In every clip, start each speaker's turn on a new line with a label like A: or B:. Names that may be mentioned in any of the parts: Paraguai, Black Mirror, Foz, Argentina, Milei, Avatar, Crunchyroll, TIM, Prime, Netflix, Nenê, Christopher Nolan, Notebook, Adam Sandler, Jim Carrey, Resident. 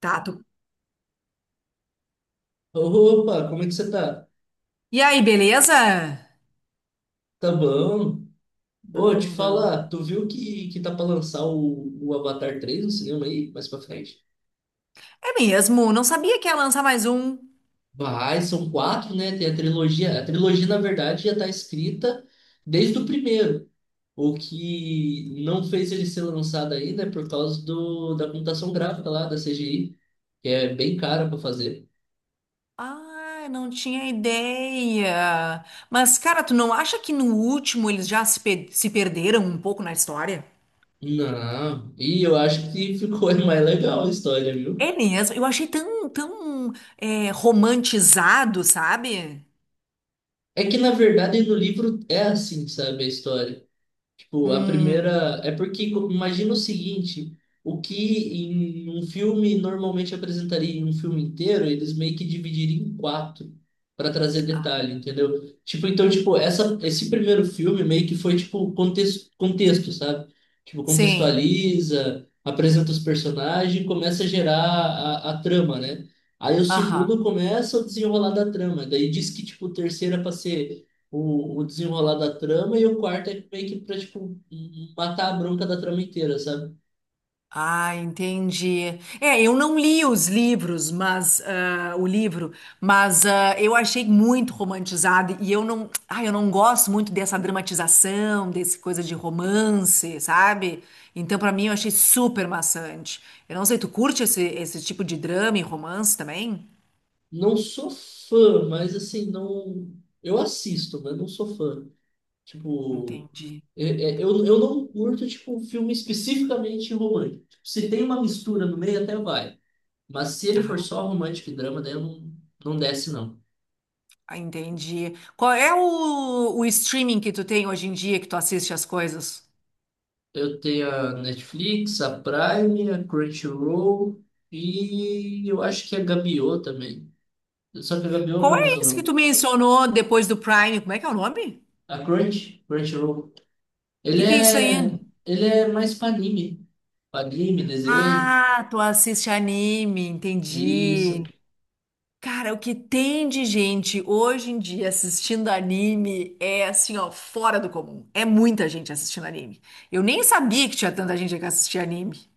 A: Tá,
B: Opa, como é que você tá?
A: e aí, beleza?
B: Tá bom? Ô, te
A: Bom, bom.
B: falar, tu viu que tá pra lançar o Avatar 3 no cinema aí, mais pra frente?
A: É mesmo, não sabia que ia lançar mais um.
B: Vai, são quatro, né? Tem a trilogia. A trilogia, na verdade, já tá escrita desde o primeiro. O que não fez ele ser lançado ainda é por causa da computação gráfica lá, da CGI, que é bem cara pra fazer.
A: Ah, não tinha ideia. Mas, cara, tu não acha que no último eles já se, pe- se perderam um pouco na história?
B: Não, e eu acho que ficou mais legal a história, viu?
A: É mesmo, eu achei tão é, romantizado, sabe?
B: É que na verdade no livro é assim, sabe, a história. Tipo, a
A: Hum,
B: primeira. É porque imagina o seguinte: o que em um filme normalmente apresentaria em um filme inteiro, eles meio que dividiriam em quatro para trazer detalhe, entendeu? Tipo, então, tipo, esse primeiro filme meio que foi tipo contexto, contexto, sabe? Tipo,
A: sim,
B: contextualiza, apresenta os personagens, começa a gerar a trama, né? Aí o
A: aham.
B: segundo começa o desenrolar da trama, daí diz que tipo o terceiro é para ser o desenrolar da trama, e o quarto é meio que pra, tipo, matar a bronca da trama inteira, sabe?
A: Ah, entendi. É, eu não li os livros, mas o livro, mas eu achei muito romantizado e eu não gosto muito dessa dramatização, desse coisa de romance, sabe? Então, pra mim, eu achei super maçante. Eu não sei, tu curte esse tipo de drama e romance também?
B: Não sou fã, mas assim, não. Eu assisto, mas não sou fã. Tipo,
A: Entendi.
B: é- eu não curto, tipo, um filme especificamente romântico. Tipo, se tem uma mistura no meio, até vai. Mas se ele for
A: Ah,
B: só romântico e drama, daí eu não, não desce, não.
A: ah, entendi. Qual é o streaming que tu tem hoje em dia que tu assiste as coisas?
B: Eu tenho a Netflix, a Prime, a Crunchyroll e eu acho que a Gabiô também. Só que a Gabiô eu
A: Qual
B: não
A: é
B: uso,
A: isso que
B: não.
A: tu mencionou depois do Prime? Como é que é o nome?
B: A Crunchyroll. Ele
A: Que é isso aí?
B: é, ele é mais pra anime. Pra anime, desenho.
A: Ah, tu assiste anime,
B: Isso.
A: entendi. Cara, o que tem de gente hoje em dia assistindo anime é assim, ó, fora do comum. É muita gente assistindo anime. Eu nem sabia que tinha tanta gente que assistia anime.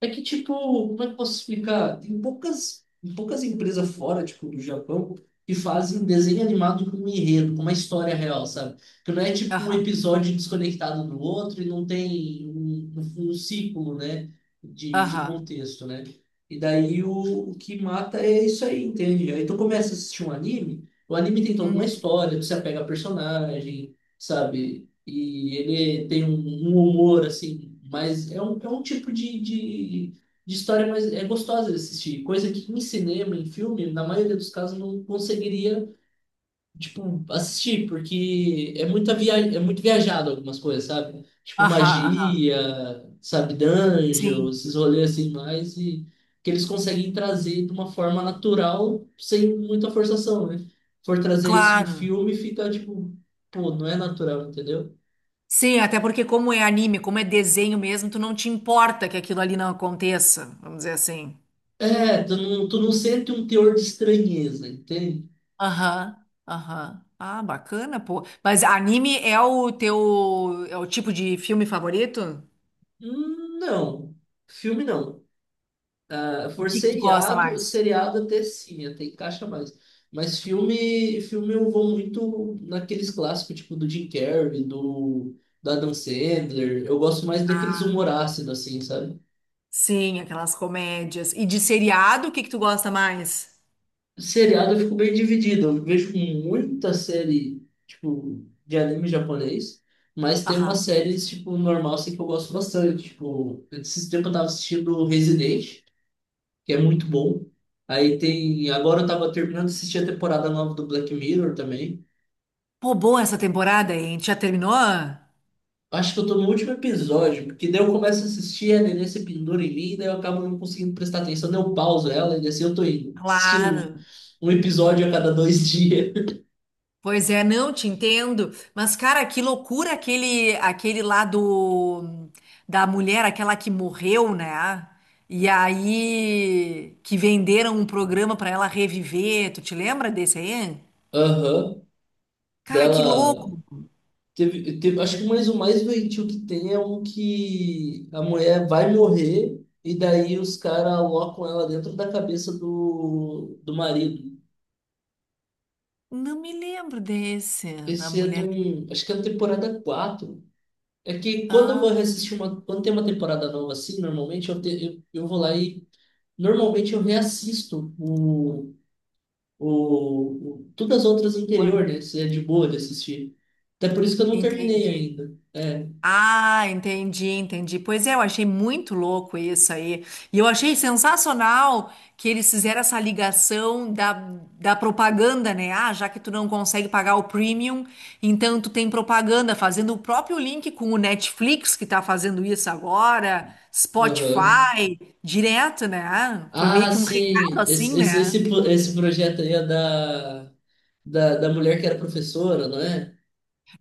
B: É que, tipo, como é que eu posso explicar? Tem poucas empresas fora, tipo, do Japão, que fazem desenho animado com um enredo, com uma história real, sabe? Que não é, tipo, um
A: Aham,
B: episódio desconectado do outro e não tem um ciclo, né, de
A: aham.
B: contexto, né? E daí o que mata é isso aí, entende? Aí tu começa a assistir um anime, o anime tem toda uma
A: Uhum.
B: história, tu se apega a personagem, sabe? E ele tem um humor assim, mas é um tipo de história mais é gostosa de assistir, coisa que em cinema, em filme, na maioria dos casos não conseguiria, tipo, assistir, porque é muito viajado algumas coisas, sabe? Tipo
A: Aham, aham.
B: magia, sabe, dungeon,
A: Sim,
B: esses rolês assim mais e que eles conseguem trazer de uma forma natural, sem muita forçação, né? For trazer isso em
A: claro.
B: filme, fica tipo, pô, não é natural, entendeu?
A: Sim, até porque como é anime, como é desenho mesmo, tu não te importa que aquilo ali não aconteça, vamos dizer assim.
B: É, tu não sente um teor de estranheza, entende?
A: Aham, aham. Ah, bacana, pô. Mas anime é o teu, é o tipo de filme favorito?
B: Não, filme não. Ah,
A: O
B: For
A: que que tu gosta
B: seriado,
A: mais?
B: seriado até sim, até encaixa mais. Mas filme, filme eu vou muito naqueles clássicos, tipo do Jim Carrey, do Adam Sandler. Eu gosto mais daqueles humor
A: Ah,
B: ácido, assim, sabe?
A: sim, aquelas comédias. E de seriado, o que que tu gosta mais?
B: Seriado eu fico bem dividido. Eu vejo muita série, tipo, de anime japonês, mas tem uma
A: Aham.
B: série, tipo, normal, assim, que eu gosto bastante. Tipo, esses tempos eu tava assistindo Resident, que é muito bom. Aí tem. Agora eu tava terminando de assistir a temporada nova do Black Mirror também.
A: Pô, boa essa temporada, hein? Já terminou?
B: Acho que eu tô no último episódio, porque daí eu começo a assistir, a Nenê se pendura em mim, daí eu acabo não conseguindo prestar atenção, daí eu pauso ela e assim eu tô indo. Assistindo
A: Claro.
B: um episódio a cada 2 dias.
A: Pois é, não te entendo, mas cara, que loucura aquele lá do da mulher, aquela que morreu, né? E aí que venderam um programa pra ela reviver. Tu te lembra desse aí?
B: Aham.
A: Cara, que louco.
B: Dela. Teve, acho que o mais doentio que tem é um que a mulher vai morrer e daí os caras alocam ela dentro da cabeça do marido.
A: Não me lembro desse da
B: Esse é de
A: mulher que.
B: um. Acho que é da temporada quatro. É que quando eu vou
A: Ah,
B: reassistir uma. Quando tem uma temporada nova assim, normalmente eu vou lá e. Normalmente eu reassisto o, todas as outras anteriores,
A: Juan,
B: né? Se é de boa de assistir. Até por isso que eu não terminei
A: entendi.
B: ainda. É.
A: Ah, entendi. Pois é, eu achei muito louco isso aí. E eu achei sensacional que eles fizeram essa ligação da, da propaganda, né? Ah, já que tu não consegue pagar o premium, então tu tem propaganda, fazendo o próprio link com o Netflix, que tá fazendo isso agora,
B: Aham.
A: Spotify, direto, né? Foi meio
B: Ah,
A: que um recado
B: sim,
A: assim,
B: esse, esse, esse,
A: né?
B: pro- esse projeto aí é da mulher que era professora, não é?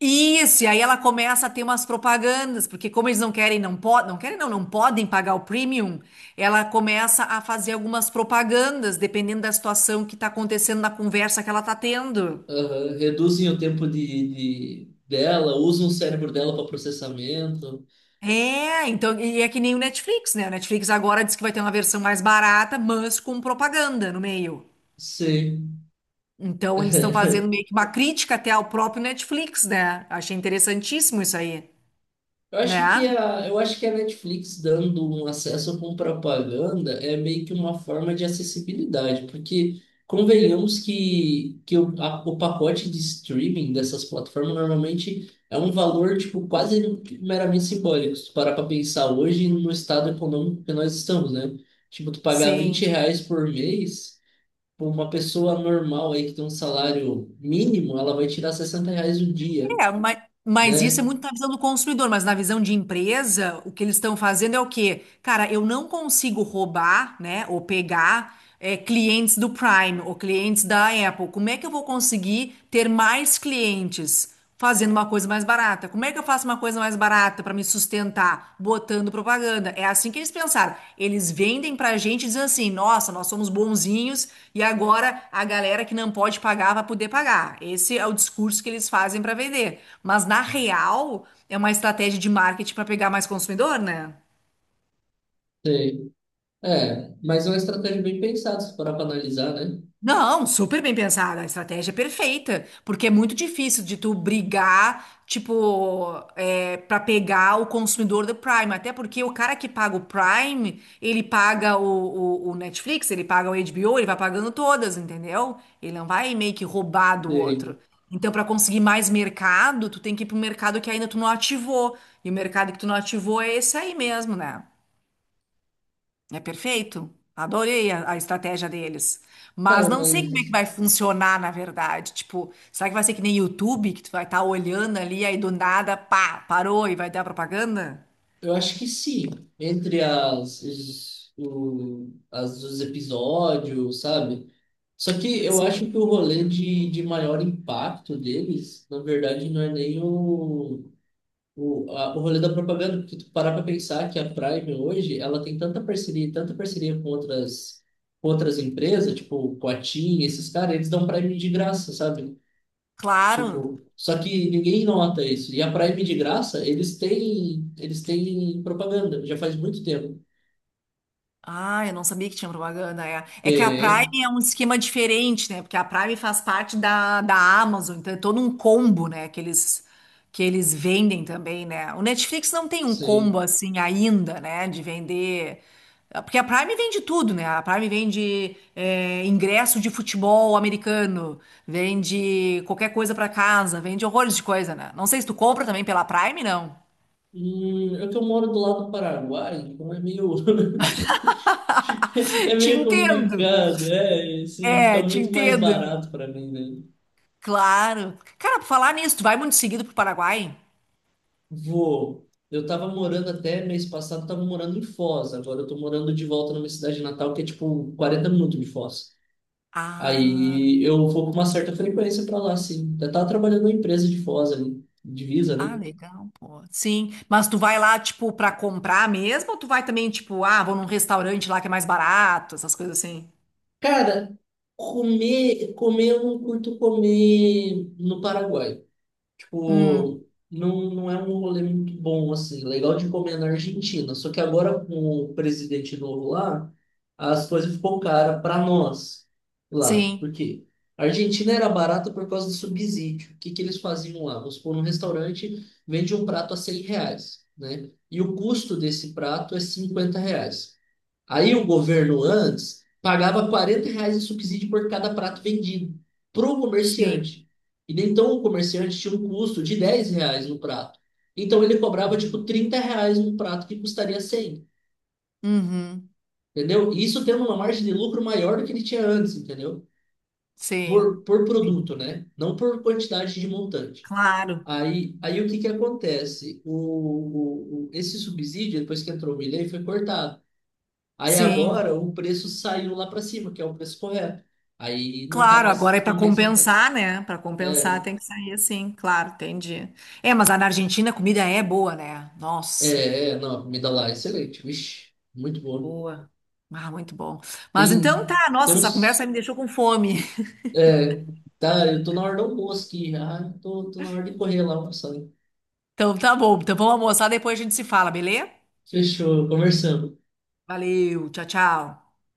A: Isso, e aí ela começa a ter umas propagandas, porque como eles não podem, não querem não, não podem pagar o premium, ela começa a fazer algumas propagandas, dependendo da situação que está acontecendo na conversa que ela está tendo.
B: Aham, reduzem o tempo dela, usam o cérebro dela para processamento.
A: É, então, e é que nem o Netflix, né? O Netflix agora diz que vai ter uma versão mais barata, mas com propaganda no meio. Então, eles estão fazendo meio que uma crítica até ao próprio Netflix, né? Achei interessantíssimo isso aí,
B: Eu acho que
A: né?
B: a, eu acho que a Netflix dando um acesso com propaganda é meio que uma forma de acessibilidade, porque convenhamos que o pacote de streaming dessas plataformas normalmente é um valor tipo quase meramente simbólico. Se tu parar para pensar hoje no estado econômico que nós estamos, né? Tipo, tu pagar 20
A: Sim.
B: reais por mês, por uma pessoa normal aí que tem um salário mínimo, ela vai tirar R$ 60 o dia,
A: É, mas isso é
B: né?
A: muito na visão do consumidor, mas na visão de empresa, o que eles estão fazendo é o quê? Cara, eu não consigo roubar, né, ou pegar é, clientes do Prime ou clientes da Apple. Como é que eu vou conseguir ter mais clientes fazendo uma coisa mais barata? Como é que eu faço uma coisa mais barata para me sustentar botando propaganda. É assim que eles pensaram. Eles vendem pra gente dizendo assim: "Nossa, nós somos bonzinhos e agora a galera que não pode pagar vai poder pagar". Esse é o discurso que eles fazem para vender. Mas na real, é uma estratégia de marketing para pegar mais consumidor, né?
B: É, mas é uma estratégia bem pensada, se parar para analisar, né?
A: Não, super bem pensada, a estratégia é perfeita, porque é muito difícil de tu brigar, tipo, é, para pegar o consumidor do Prime, até porque o cara que paga o Prime, ele paga o Netflix, ele paga o HBO, ele vai pagando todas, entendeu? Ele não vai meio que roubar do outro.
B: Sei.
A: Então, para conseguir mais mercado, tu tem que ir pro mercado que ainda tu não ativou, e o mercado que tu não ativou é esse aí mesmo, né? É perfeito. Adorei a estratégia deles. Mas
B: Cara,
A: não sei como é que
B: mas
A: vai funcionar, na verdade. Tipo, será que vai ser que nem YouTube, que tu vai estar olhando ali, aí do nada, pá, parou e vai dar propaganda?
B: eu acho que sim. Entre as, os, o, as, os episódios, sabe? Só que eu acho
A: Sim.
B: que o rolê de maior impacto deles, na verdade, não é nem o rolê da propaganda, porque tu parar para pensar que a Prime hoje, ela tem tanta parceria com outras empresas, tipo com a TIM, esses caras, eles dão Prime de graça, sabe?
A: Claro.
B: Tipo, só que ninguém nota isso. E a Prime de graça, eles têm propaganda, já faz muito tempo.
A: Ah, eu não sabia que tinha propaganda. É, é que a
B: Tem,
A: Prime é um esquema diferente, né? Porque a Prime faz parte da Amazon, então é todo um combo, né? Que eles vendem também, né? O Netflix não tem um combo
B: sim.
A: assim ainda, né? De vender. Porque a Prime vende tudo, né? A Prime vende é, ingresso de futebol americano, vende qualquer coisa pra casa, vende horrores de coisa, né? Não sei se tu compra também pela Prime, não.
B: É que eu moro do lado do Paraguai, então é meio, é
A: Te
B: meio
A: entendo.
B: complicado, é, assim, fica
A: É, te
B: muito mais
A: entendo.
B: barato para mim, né?
A: Claro. Cara, por falar nisso, tu vai muito seguido pro Paraguai?
B: Vou. Eu tava morando até mês passado, tava morando em Foz, agora eu tô morando de volta na minha cidade natal, que é tipo 40 minutos de Foz.
A: Ah,
B: Aí eu vou com uma certa frequência para lá, sim. Eu tava trabalhando numa empresa de Foz ali, divisa,
A: ah,
B: né?
A: legal, pô. Sim, mas tu vai lá, tipo, pra comprar mesmo? Ou tu vai também, tipo, ah, vou num restaurante lá que é mais barato, essas coisas assim?
B: Cara, comer, comer eu não curto comer no Paraguai.
A: Hum,
B: Tipo, não, não é um rolê muito bom, assim. É legal de comer na Argentina. Só que agora, com o presidente novo lá, as coisas ficou cara para nós lá. Por
A: sim,
B: quê? A Argentina era barata por causa do subsídio. O que que eles faziam lá? Vamos supor, num restaurante vende um prato a R$ 100, né? E o custo desse prato é R$ 50. Aí o governo antes pagava R$ 40 de subsídio por cada prato vendido para o
A: sim.
B: comerciante. E daí, então o comerciante tinha um custo de R$ 10 no prato. Então ele cobrava tipo
A: Uhum,
B: R$ 30 um prato que custaria 100,
A: uhum,
B: entendeu? E isso tendo uma margem de lucro maior do que ele tinha antes, entendeu?
A: sim.
B: Por
A: Sim.
B: produto, né? Não por quantidade de montante.
A: Claro,
B: Aí o que que acontece? Esse subsídio, depois que entrou o Milei, foi cortado. Aí
A: sim.
B: agora o preço saiu lá para cima, que é o preço correto. Aí não tá
A: Claro,
B: mais
A: agora é para
B: compensando tanto.
A: compensar, né? Para compensar tem que sair assim, claro, entendi. É, mas lá na Argentina a comida é boa, né? Nossa.
B: É, é, não, a comida lá é excelente. Vixe, muito boa.
A: Boa. Ah, muito bom. Mas
B: Tem,
A: então tá,
B: tem
A: nossa, essa conversa
B: uns.
A: me deixou com fome.
B: É, tá, eu tô na hora do almoço aqui já. Ah, Tô na hora de correr lá almoçando.
A: Então tá bom. Então vamos almoçar, depois a gente se fala, beleza?
B: Fechou, conversamos.
A: Valeu, tchau.